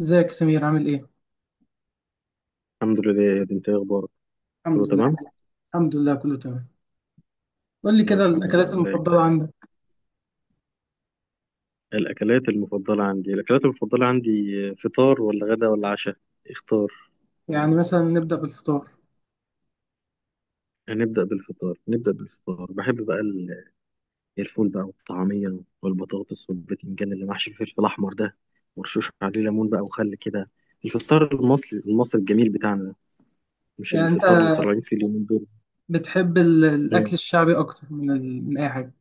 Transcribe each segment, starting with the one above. ازيك يا سمير عامل ايه؟ الحمد لله، يا دي، انت ايه اخبارك؟ الحمد كله لله. تمام. الحمد لله كله تمام. قول لي كده الحمد الاكلات لله. المفضلة عندك. الاكلات المفضله عندي. فطار ولا غدا ولا عشاء؟ اختار. يعني مثلا نبدأ بالفطار. هنبدا بالفطار، نبدا بالفطار. بحب بقى الفول بقى والطعميه والبطاطس والبتنجان اللي محشي فيه الفلفل احمر ده، ورشوش عليه ليمون بقى وخل كده. الفطار المصري المصري الجميل بتاعنا ده، مش يعني انت الفطار اللي طالعين فيه اليومين دول. بتحب الاكل مم. الشعبي اكتر من من اي حاجة.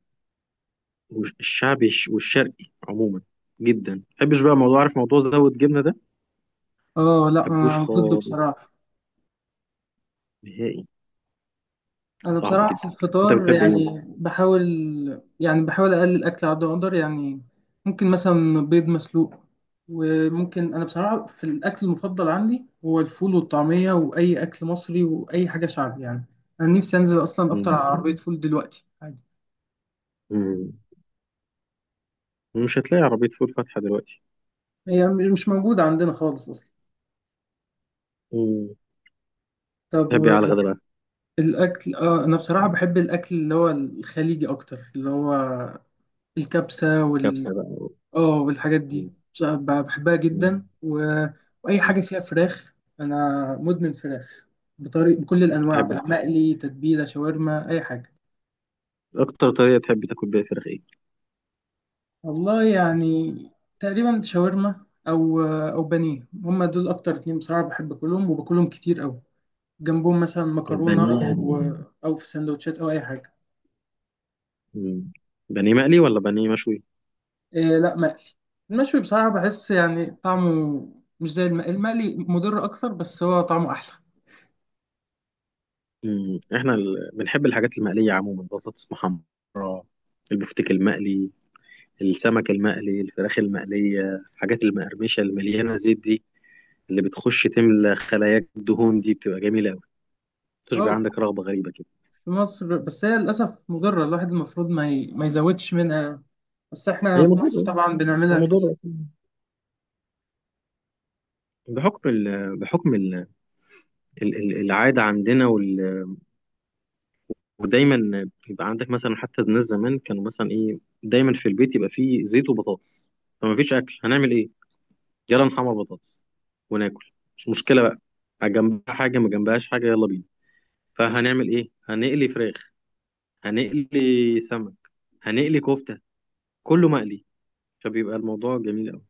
والشعبي والشرقي عموما جدا. ما بحبش بقى موضوع، عارف، موضوع زود جبنه ده، ما اه لا بحبوش انا ضده خالص، بصراحة. نهائي. انا صعب بصراحة في جدا. انت الفطار بتحب ايه؟ يعني بحاول. يعني بحاول اقلل اكل على قد ما اقدر يعني. ممكن مثلا بيض مسلوق، وممكن، انا بصراحة في الاكل المفضل عندي هو الفول والطعمية واي اكل مصري واي حاجة شعبي يعني. انا نفسي انزل اصلا افطر مم. على عربية فول دلوقتي. مم. مش هتلاقي عربية فول فاتحة دلوقتي. هي مش موجودة عندنا خالص أصلا. مم. طب تحب ايه على الغدا بقى؟ والأكل، آه أنا بصراحة بحب الأكل اللي هو الخليجي أكتر، اللي هو الكبسة وال، كبسة بقى. آه، والحاجات دي مم. بصراحة بحبها جدا مم. وأي حاجة مم. فيها فراخ. أنا مدمن فراخ، بطريق بكل الأنواع تحب بقى، مقلي، تتبيلة، شاورما، أي حاجة. اكتر طريقة تحب تاكل بيها فراخ ايه؟ والله يعني تقريبا شاورما أو بانيه، هما دول أكتر اتنين بصراحة بحب أكلهم وباكلهم كتير أوي، جنبهم مثلا مكرونة، البانيه. أو في سندوتشات أو أي حاجة. مم. بانيه مقلي ولا بانيه مشوي؟ إيه لا مقلي. المشوي بصراحة بحس يعني طعمه مش زي المقلي. المقلي مضر أكتر بس هو طعمه أحلى. مم. احنا بنحب الحاجات المقلية عموما، بطاطس محمرة، البفتيك المقلي، السمك المقلي، الفراخ المقلية، الحاجات المقرمشة المليانة زيت دي، اللي بتخش تملى خلاياك دهون دي، بتبقى جميلة أوي. تشبع، اه عندك رغبة غريبة كده. في مصر بس هي للأسف مضرة، الواحد المفروض ما، ما يزودش منها، بس احنا هي في مصر مضرة. طبعا ده بنعملها موضوع كتير. بقى. بحكم العادة عندنا، ودايما يبقى عندك مثلا. حتى الناس زمان كانوا مثلا، ايه، دايما في البيت يبقى فيه زيت وبطاطس. فما فيش اكل، هنعمل ايه؟ يلا نحمر بطاطس وناكل. مش مشكلة بقى. جنبها حاجة، ما جنبهاش حاجة، يلا بينا. فهنعمل ايه؟ هنقلي فراخ، هنقلي سمك، هنقلي كفتة، كله مقلي. فبيبقى الموضوع جميل قوي.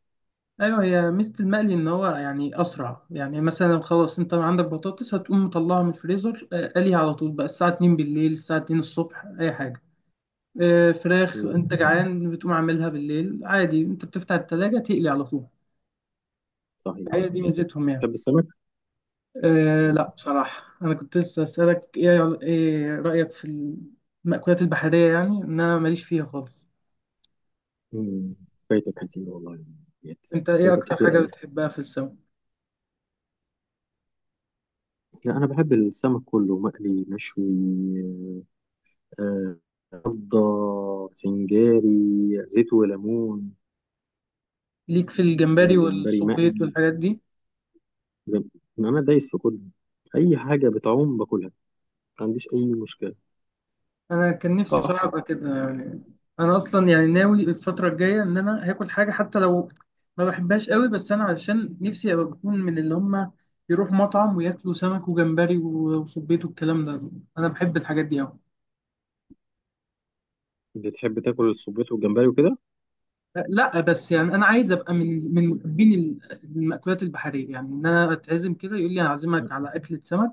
أيوه، هي ميزة المقلي إن هو يعني أسرع. يعني مثلا خلاص أنت عندك بطاطس هتقوم مطلعها من الفريزر، آه، قليها على طول بقى، الساعة 2 بالليل، الساعة 2 الصبح، أي حاجة. آه، فراخ، مم. أنت جعان بتقوم عاملها بالليل عادي، أنت بتفتح التلاجة تقلي على طول. صحيح. هي دي ميزتهم يعني. تحب السمك؟ أه لا بصراحة أنا كنت لسه أسألك، إيه إيه رأيك في المأكولات البحرية؟ يعني إن أنا ماليش فيها خالص. مم. فايتك كتير والله، يا ديت. أنت إيه فايتك أكتر كتير حاجة قوي. بتحبها في السمك؟ لا، انا بحب السمك كله، مقلي، مشوي، آه، رده، سنجاري، زيت وليمون. ليك في الجمبري جمبري والصبيط مقلي. والحاجات دي؟ جم... انا دايس في كله، اي حاجه بتعوم باكلها، ما عنديش اي مشكله. أنا كان نفسي بصراحة تحفه. أبقى كده يعني. أنا أصلا يعني ناوي الفترة الجاية إن أنا هاكل حاجة حتى لو ما بحبهاش قوي، بس أنا علشان نفسي أبقى بكون من اللي هما يروحوا مطعم وياكلوا سمك وجمبري وصبيط والكلام ده، أنا بحب الحاجات دي أوي. بتحب تاكل الصبيط والجمبري وكده؟ لا بس يعني انا عايز ابقى من محبين المأكولات البحريه. يعني ان انا اتعزم كده يقول لي هعزمك على اكله سمك،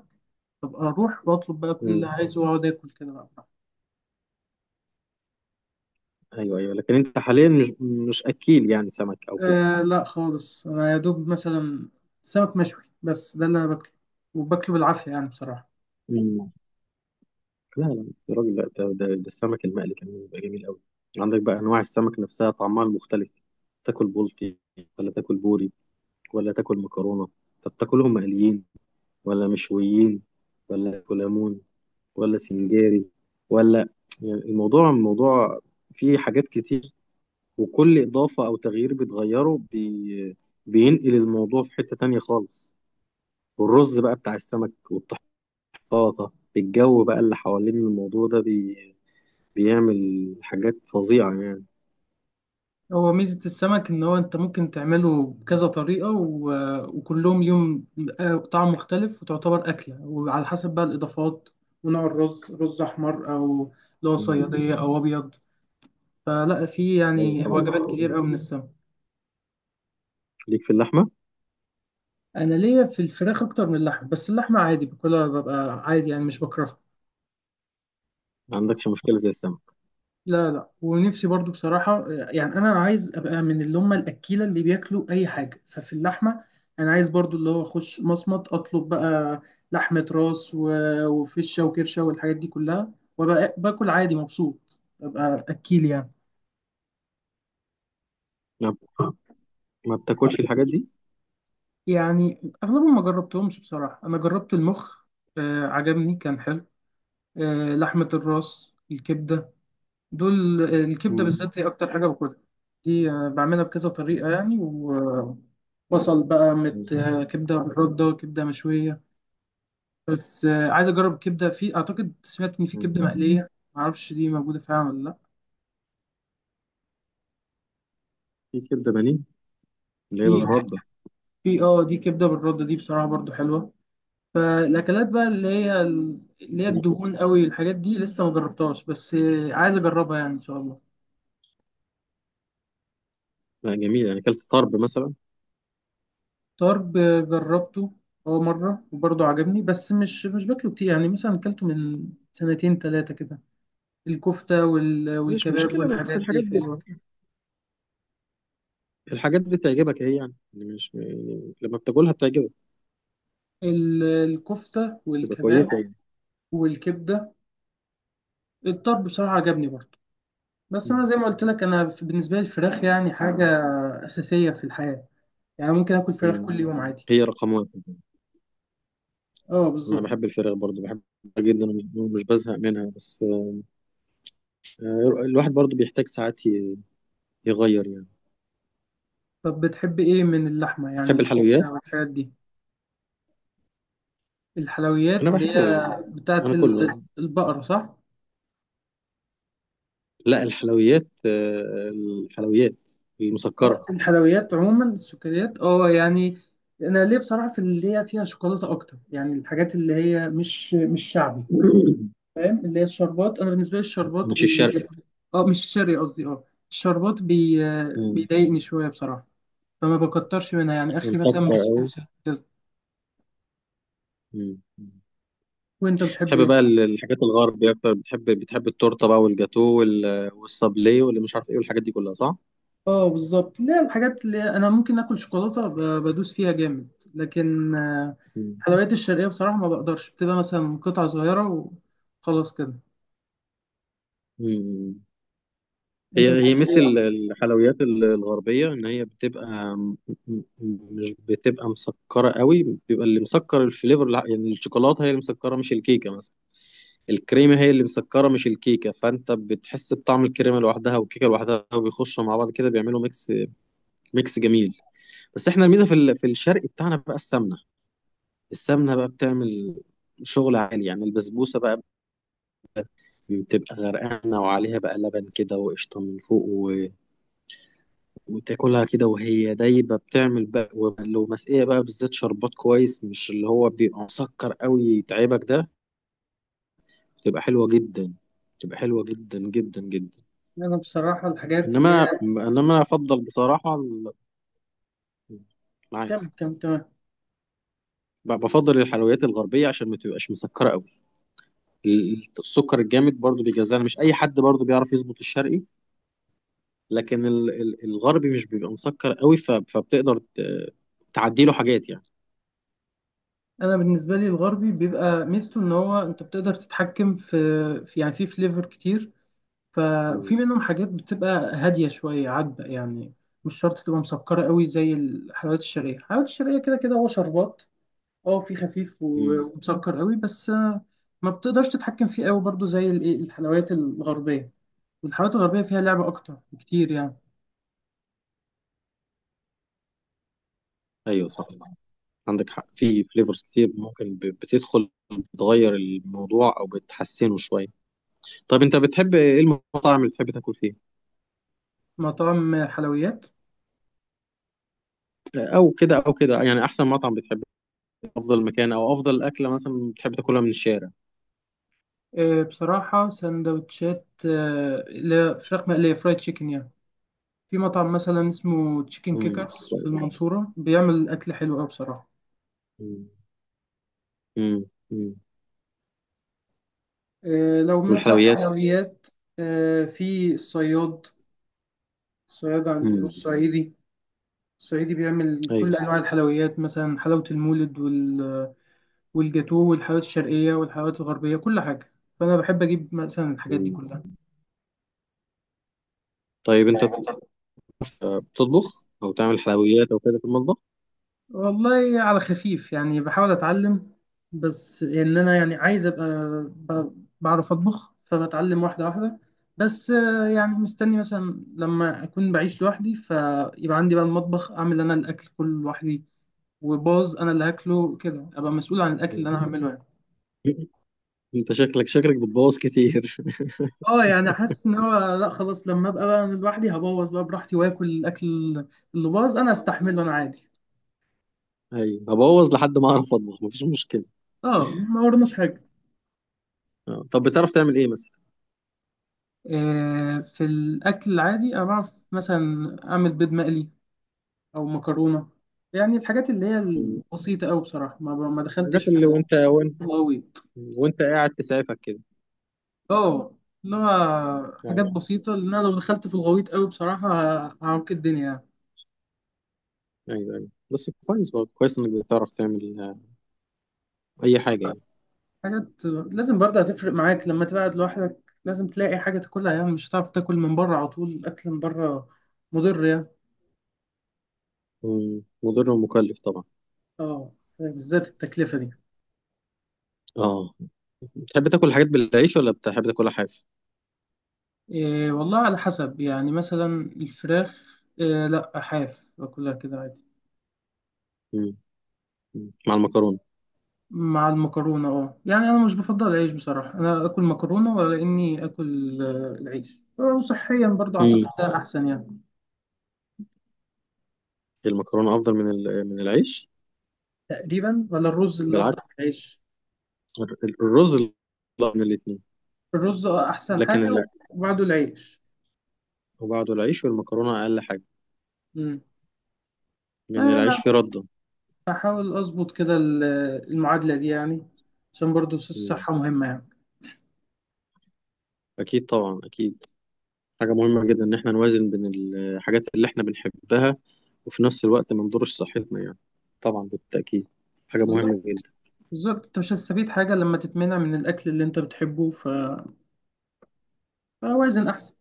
ابقى اروح واطلب بقى كل اللي مم. عايزه واقعد اكل كده بقى براحتي. ايوه، ايوه، لكن انت حاليا مش اكيل يعني سمك او أه لا خالص، انا يا دوب مثلا سمك مشوي بس ده اللي انا باكله، وباكله بالعافيه يعني بصراحه. كده؟ لا لا يا راجل، لا، ده السمك المقلي كمان بيبقى جميل قوي. عندك بقى انواع السمك نفسها، طعمها المختلف. تاكل بلطي، ولا تاكل بوري، ولا تاكل مكرونه؟ طب تاكلهم مقليين ولا مشويين، ولا كولامون، ولا سنجاري، ولا؟ يعني الموضوع فيه حاجات كتير. وكل اضافه او تغيير بتغيره، بينقل الموضوع في حته تانية خالص. والرز بقى بتاع السمك، والطحينه، السلطه، الجو بقى اللي حوالين الموضوع ده، بيعمل حاجات فظيعة يعني. هو ميزه السمك ان هو انت ممكن تعمله بكذا طريقه وكلهم ليهم، آه، طعم مختلف، وتعتبر اكله وعلى حسب بقى الاضافات، ونوع الرز، رز احمر او اللي هو مم. صياديه او ابيض. فلا في أيوة يعني طبعا، وجبات فظيع. كتير قوي من السمك. ليك في اللحمة؟ انا ليا في الفراخ اكتر من اللحم، بس اللحمه عادي باكلها، ببقى عادي يعني مش بكرهها. ما عندكش مشكلة زي السمك؟ لا لا، ونفسي برضو بصراحه يعني، انا عايز ابقى من اللي هم الاكيله اللي بياكلوا اي حاجه. ففي اللحمه انا عايز برضو اللي هو اخش مصمت اطلب بقى لحمه راس وفشه وكرشه والحاجات دي كلها، وابقى باكل عادي مبسوط، ابقى اكيل يعني. ما, ما بتاكلش الحاجات دي؟ يعني اغلبهم ما جربتهمش بصراحه. انا جربت المخ، آه، عجبني كان حلو. آه، لحمة الراس، الكبدة، دول، آه، الكبدة مم. بالذات هي أكتر حاجة باكلها دي، آه، بعملها بكذا طريقة يعني، وبصل بقى مم. مت، آه، كبدة بالردة، كبدة مشوية، بس، آه، عايز أجرب كبدة، في أعتقد سمعت إن في مم. كبدة مقلية، معرفش دي موجودة فعلا ولا لأ. في كبدة بانيه، اللي هي في ك- بالردة في اه دي كبدة بالردة، دي بصراحة برضو حلوة. فالأكلات بقى اللي هي دي. الدهون قوي الحاجات دي لسه ما جربتهاش، بس، آه، عايز أجربها يعني إن شاء الله. لا، جميلة. يعني أكلت طرب مثلا. طرب، جربته هو مرة وبرضه عجبني، بس مش باكله كتير يعني، مثلا أكلته من سنتين تلاتة كده. الكفتة مش والكباب مشكلة. بس والحاجات دي الحاجات دي حلوة. الحاجات دي بتعجبك أهي يعني مش يعني لما بتاكلها بتعجبك الكفتة تبقى والكباب كويسة يعني. والكبدة، الطرب بصراحة عجبني برضه. بس مم. أنا زي ما قلت لك، أنا بالنسبة لي الفراخ يعني حاجة أساسية في الحياة، يعني ممكن آكل فراخ مم. كل يوم عادي. هي رقم واحد. أه أنا بالظبط. بحب الفراخ برضو، بحبها جدا، ومش بزهق منها. بس الواحد برضو بيحتاج ساعات يغير يعني. طب بتحب إيه من اللحمة يعني، تحب الحلويات؟ الكفتة والحاجات دي؟ الحلويات انا اللي بحب هي ال- بتاعت انا كله. البقرة صح؟ لا، الحلويات، الحلويات المسكره. آه، الحلويات عموما السكريات، اه يعني. انا ليه بصراحه في اللي هي فيها شوكولاته اكتر، يعني الحاجات اللي هي مش شعبي، فاهم، اللي هي الشربات، انا بالنسبه لي الشربات مش بي، الشرق. اه مش شرقي قصدي، اه الشربات بي، آه، مم. بيضايقني شويه بصراحه، فما بكترش منها، يعني اخري مسكر مثلا قوي. بسبوسه كده. مم. وانت بتحب بتحب ايه؟ بقى الحاجات الغربية أكتر، بتحب التورتة بقى والجاتو والصابلي واللي مش عارف إيه والحاجات دي كلها، صح؟ اه بالظبط، لا الحاجات اللي انا ممكن اكل شوكولاته بدوس فيها جامد، لكن، آه، مم. الحلويات الشرقيه بصراحه ما بقدرش، بتبقى مثلا قطعه صغيره وخلاص كده. مم. انت هي بتحب ميزة ايه اكتر؟ الحلويات الغربية، إن هي بتبقى م- م- مش بتبقى مسكرة قوي. بيبقى اللي مسكر الفليفر، يعني الشوكولاتة هي اللي مسكرة، مش الكيكة مثلا. الكريمة هي اللي مسكرة، مش الكيكة، فأنت بتحس بطعم الكريمة لوحدها والكيكة لوحدها، وبيخشوا مع بعض كده، بيعملوا ميكس، ميكس جميل. بس احنا الميزة في في الشرق بتاعنا بقى السمنة. السمنة بقى بتعمل شغل عالي. يعني البسبوسة بقى بتبقى غرقانة، وعليها بقى لبن كده، وقشطة من فوق، وتاكلها كده وهي دايبة، بتعمل بقى. ولو مسقية بقى بالذات شربات كويس، مش اللي هو بيبقى مسكر قوي يتعبك ده، بتبقى حلوة جدا. بتبقى حلوة جدا جدا جدا. انا بصراحه الحاجات اللي انما هي، انما انا افضل بصراحه كم معاك. كم تمام. بفضل الحلويات الغربيه عشان ما تبقاش مسكره قوي. السكر الجامد برضو بيجزعنا، مش اي حد برضو بيعرف يظبط الشرقي. لكن الغربي مش بيبقى مسكر قوي، فبتقدر تعدي له حاجات يعني. انا بالنسبه لي الغربي بيبقى ميزته ان هو انت بتقدر تتحكم في، في يعني في فليفر كتير، ففي مم. منهم حاجات بتبقى هاديه شويه عذبه يعني، مش شرط تبقى مسكره قوي زي الحلويات الشرقيه. الحلويات الشرقيه كده كده هو شربات، اه في خفيف مم. ومسكر قوي، بس، آه، ما بتقدرش تتحكم فيه قوي برضو زي الايه الحلويات الغربيه، والحلويات الغربيه فيها لعبه اكتر بكتير يعني. ايوه صح، عندك حق. في فليفرز كتير ممكن بتدخل، بتغير الموضوع او بتحسنه شويه. طب انت بتحب ايه؟ المطاعم اللي بتحب تاكل فيه، مطاعم حلويات؟ او كده او كده يعني. احسن مطعم بتحب، أفضل مكان، أو أفضل أكلة مثلا بتحب تاكلها من الشارع؟ آه، بصراحة سندوتشات، آه، اللي هي فراخ مقلية، فرايد تشيكن يعني، في مطعم مثلا اسمه تشيكن امم. كيكرز في المنصورة بيعمل أكل حلو أوي بصراحة. امم. امم. امم. آه، لو مثلا والحلويات. حلويات، آه، في الصياد، الصياد عند امم. الصعيدي، الصعيدي بيعمل كل أيوه. أنواع الحلويات مثلا حلاوة المولد والجاتوه والحلويات الشرقية والحلويات الغربية كل حاجة، فأنا بحب أجيب مثلا الحاجات دي امم. طيب أنت كلها. بتطبخ أو تعمل حلويات أو كده في المطبخ؟ والله على خفيف يعني، بحاول اتعلم، بس ان انا يعني عايز ابقى بعرف اطبخ، فبتعلم واحده واحده، بس، آه، يعني مستني مثلا لما اكون بعيش لوحدي، فيبقى عندي بقى المطبخ، اعمل انا الاكل كله لوحدي، وباظ انا اللي هاكله كده، ابقى مسؤول عن الاكل اللي مم. انا هعمله يعني. أنت شكلك بتبوظ كتير. اه يعني حاسس ان هو لا خلاص، لما ابقى بقى لوحدي هبوظ بقى براحتي، واكل الاكل اللي باظ انا استحمله انا عادي. أيوه، هبوظ لحد ما أعرف أطبخ، مفيش مشكلة. اه ما ورناش حاجه. آه. طب بتعرف تعمل إيه مثلا؟ آه، في الأكل العادي أنا بعرف مثلا أعمل بيض مقلي أو مكرونة، يعني الحاجات اللي هي مم. البسيطة أوي، بصراحة ما دخلتش الحاجات اللي في وأنت وأنت الغويط. وأنت قاعد تسعفك كده. أه، اللي هو حاجات ايوه، بسيطة، لأن أنا لو دخلت في الغويط أوي بصراحة هعوك الدنيا يعني. ايوه، ايوه، بس كويس برضه. كويس انك بتعرف تعمل اي حاجه يعني. حاجات لازم برضه هتفرق معاك لما تبعد لوحدك، لازم تلاقي حاجة تاكلها، يعني مش هتعرف تاكل من بره على طول، الأكل من بره مضر يعني. مم. مضر ومكلف طبعا. أه، بالذات التكلفة دي. اه. تحب تاكل الحاجات بالعيش ولا بتحب تاكلها حاف؟ إيه والله على حسب يعني، مثلا الفراخ إيه لا حاف باكلها كده عادي. مم. مم. مع المكرونه. مع المكرونة اه يعني، أنا مش بفضل العيش بصراحة، أنا آكل مكرونة ولا إني آكل، آه، العيش، آه، وصحيا برضه أعتقد مم. ده أحسن يعني. المكرونه افضل من من العيش. تقريبا، ولا الرز اللي أفضل من بالعكس. العيش. الرز، لا، من الاثنين. الرز، آه، أحسن لكن حاجة، لا، وبعده العيش. وبعده العيش، والمكرونه اقل حاجه، مم. لان أنا العيش فيه رده. بحاول أظبط كده المعادلة دي يعني، عشان برضه مم. الصحة مهمة يعني. اكيد طبعا، اكيد. حاجه مهمه جدا ان احنا نوازن بين الحاجات اللي احنا بنحبها، وفي نفس الوقت ما نضرش صحتنا يعني. طبعا بالتاكيد، حاجه بالظبط، مهمه جدا. بالظبط، أنت مش هتستفيد حاجة لما تتمنع من الأكل اللي أنت بتحبه. اوازن احسن.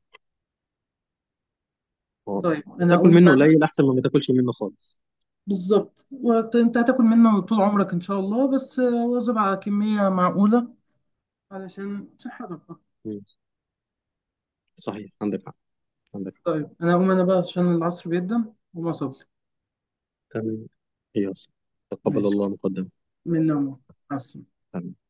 اه، طيب انا تاكل اقوم منه بقى. قليل احسن ما تاكلش منه خالص. بالظبط، انت هتاكل منه طول عمرك ان شاء الله، بس واظب على كميه معقوله علشان صحتك بقى. مم. صحيح، عندك حق. عندك. طيب انا اقوم انا بقى عشان العصر بيقدم وما صلي. تمام. يلا. تقبل ماشي، الله مقدما. من نومه، مع السلامه. تمام. مع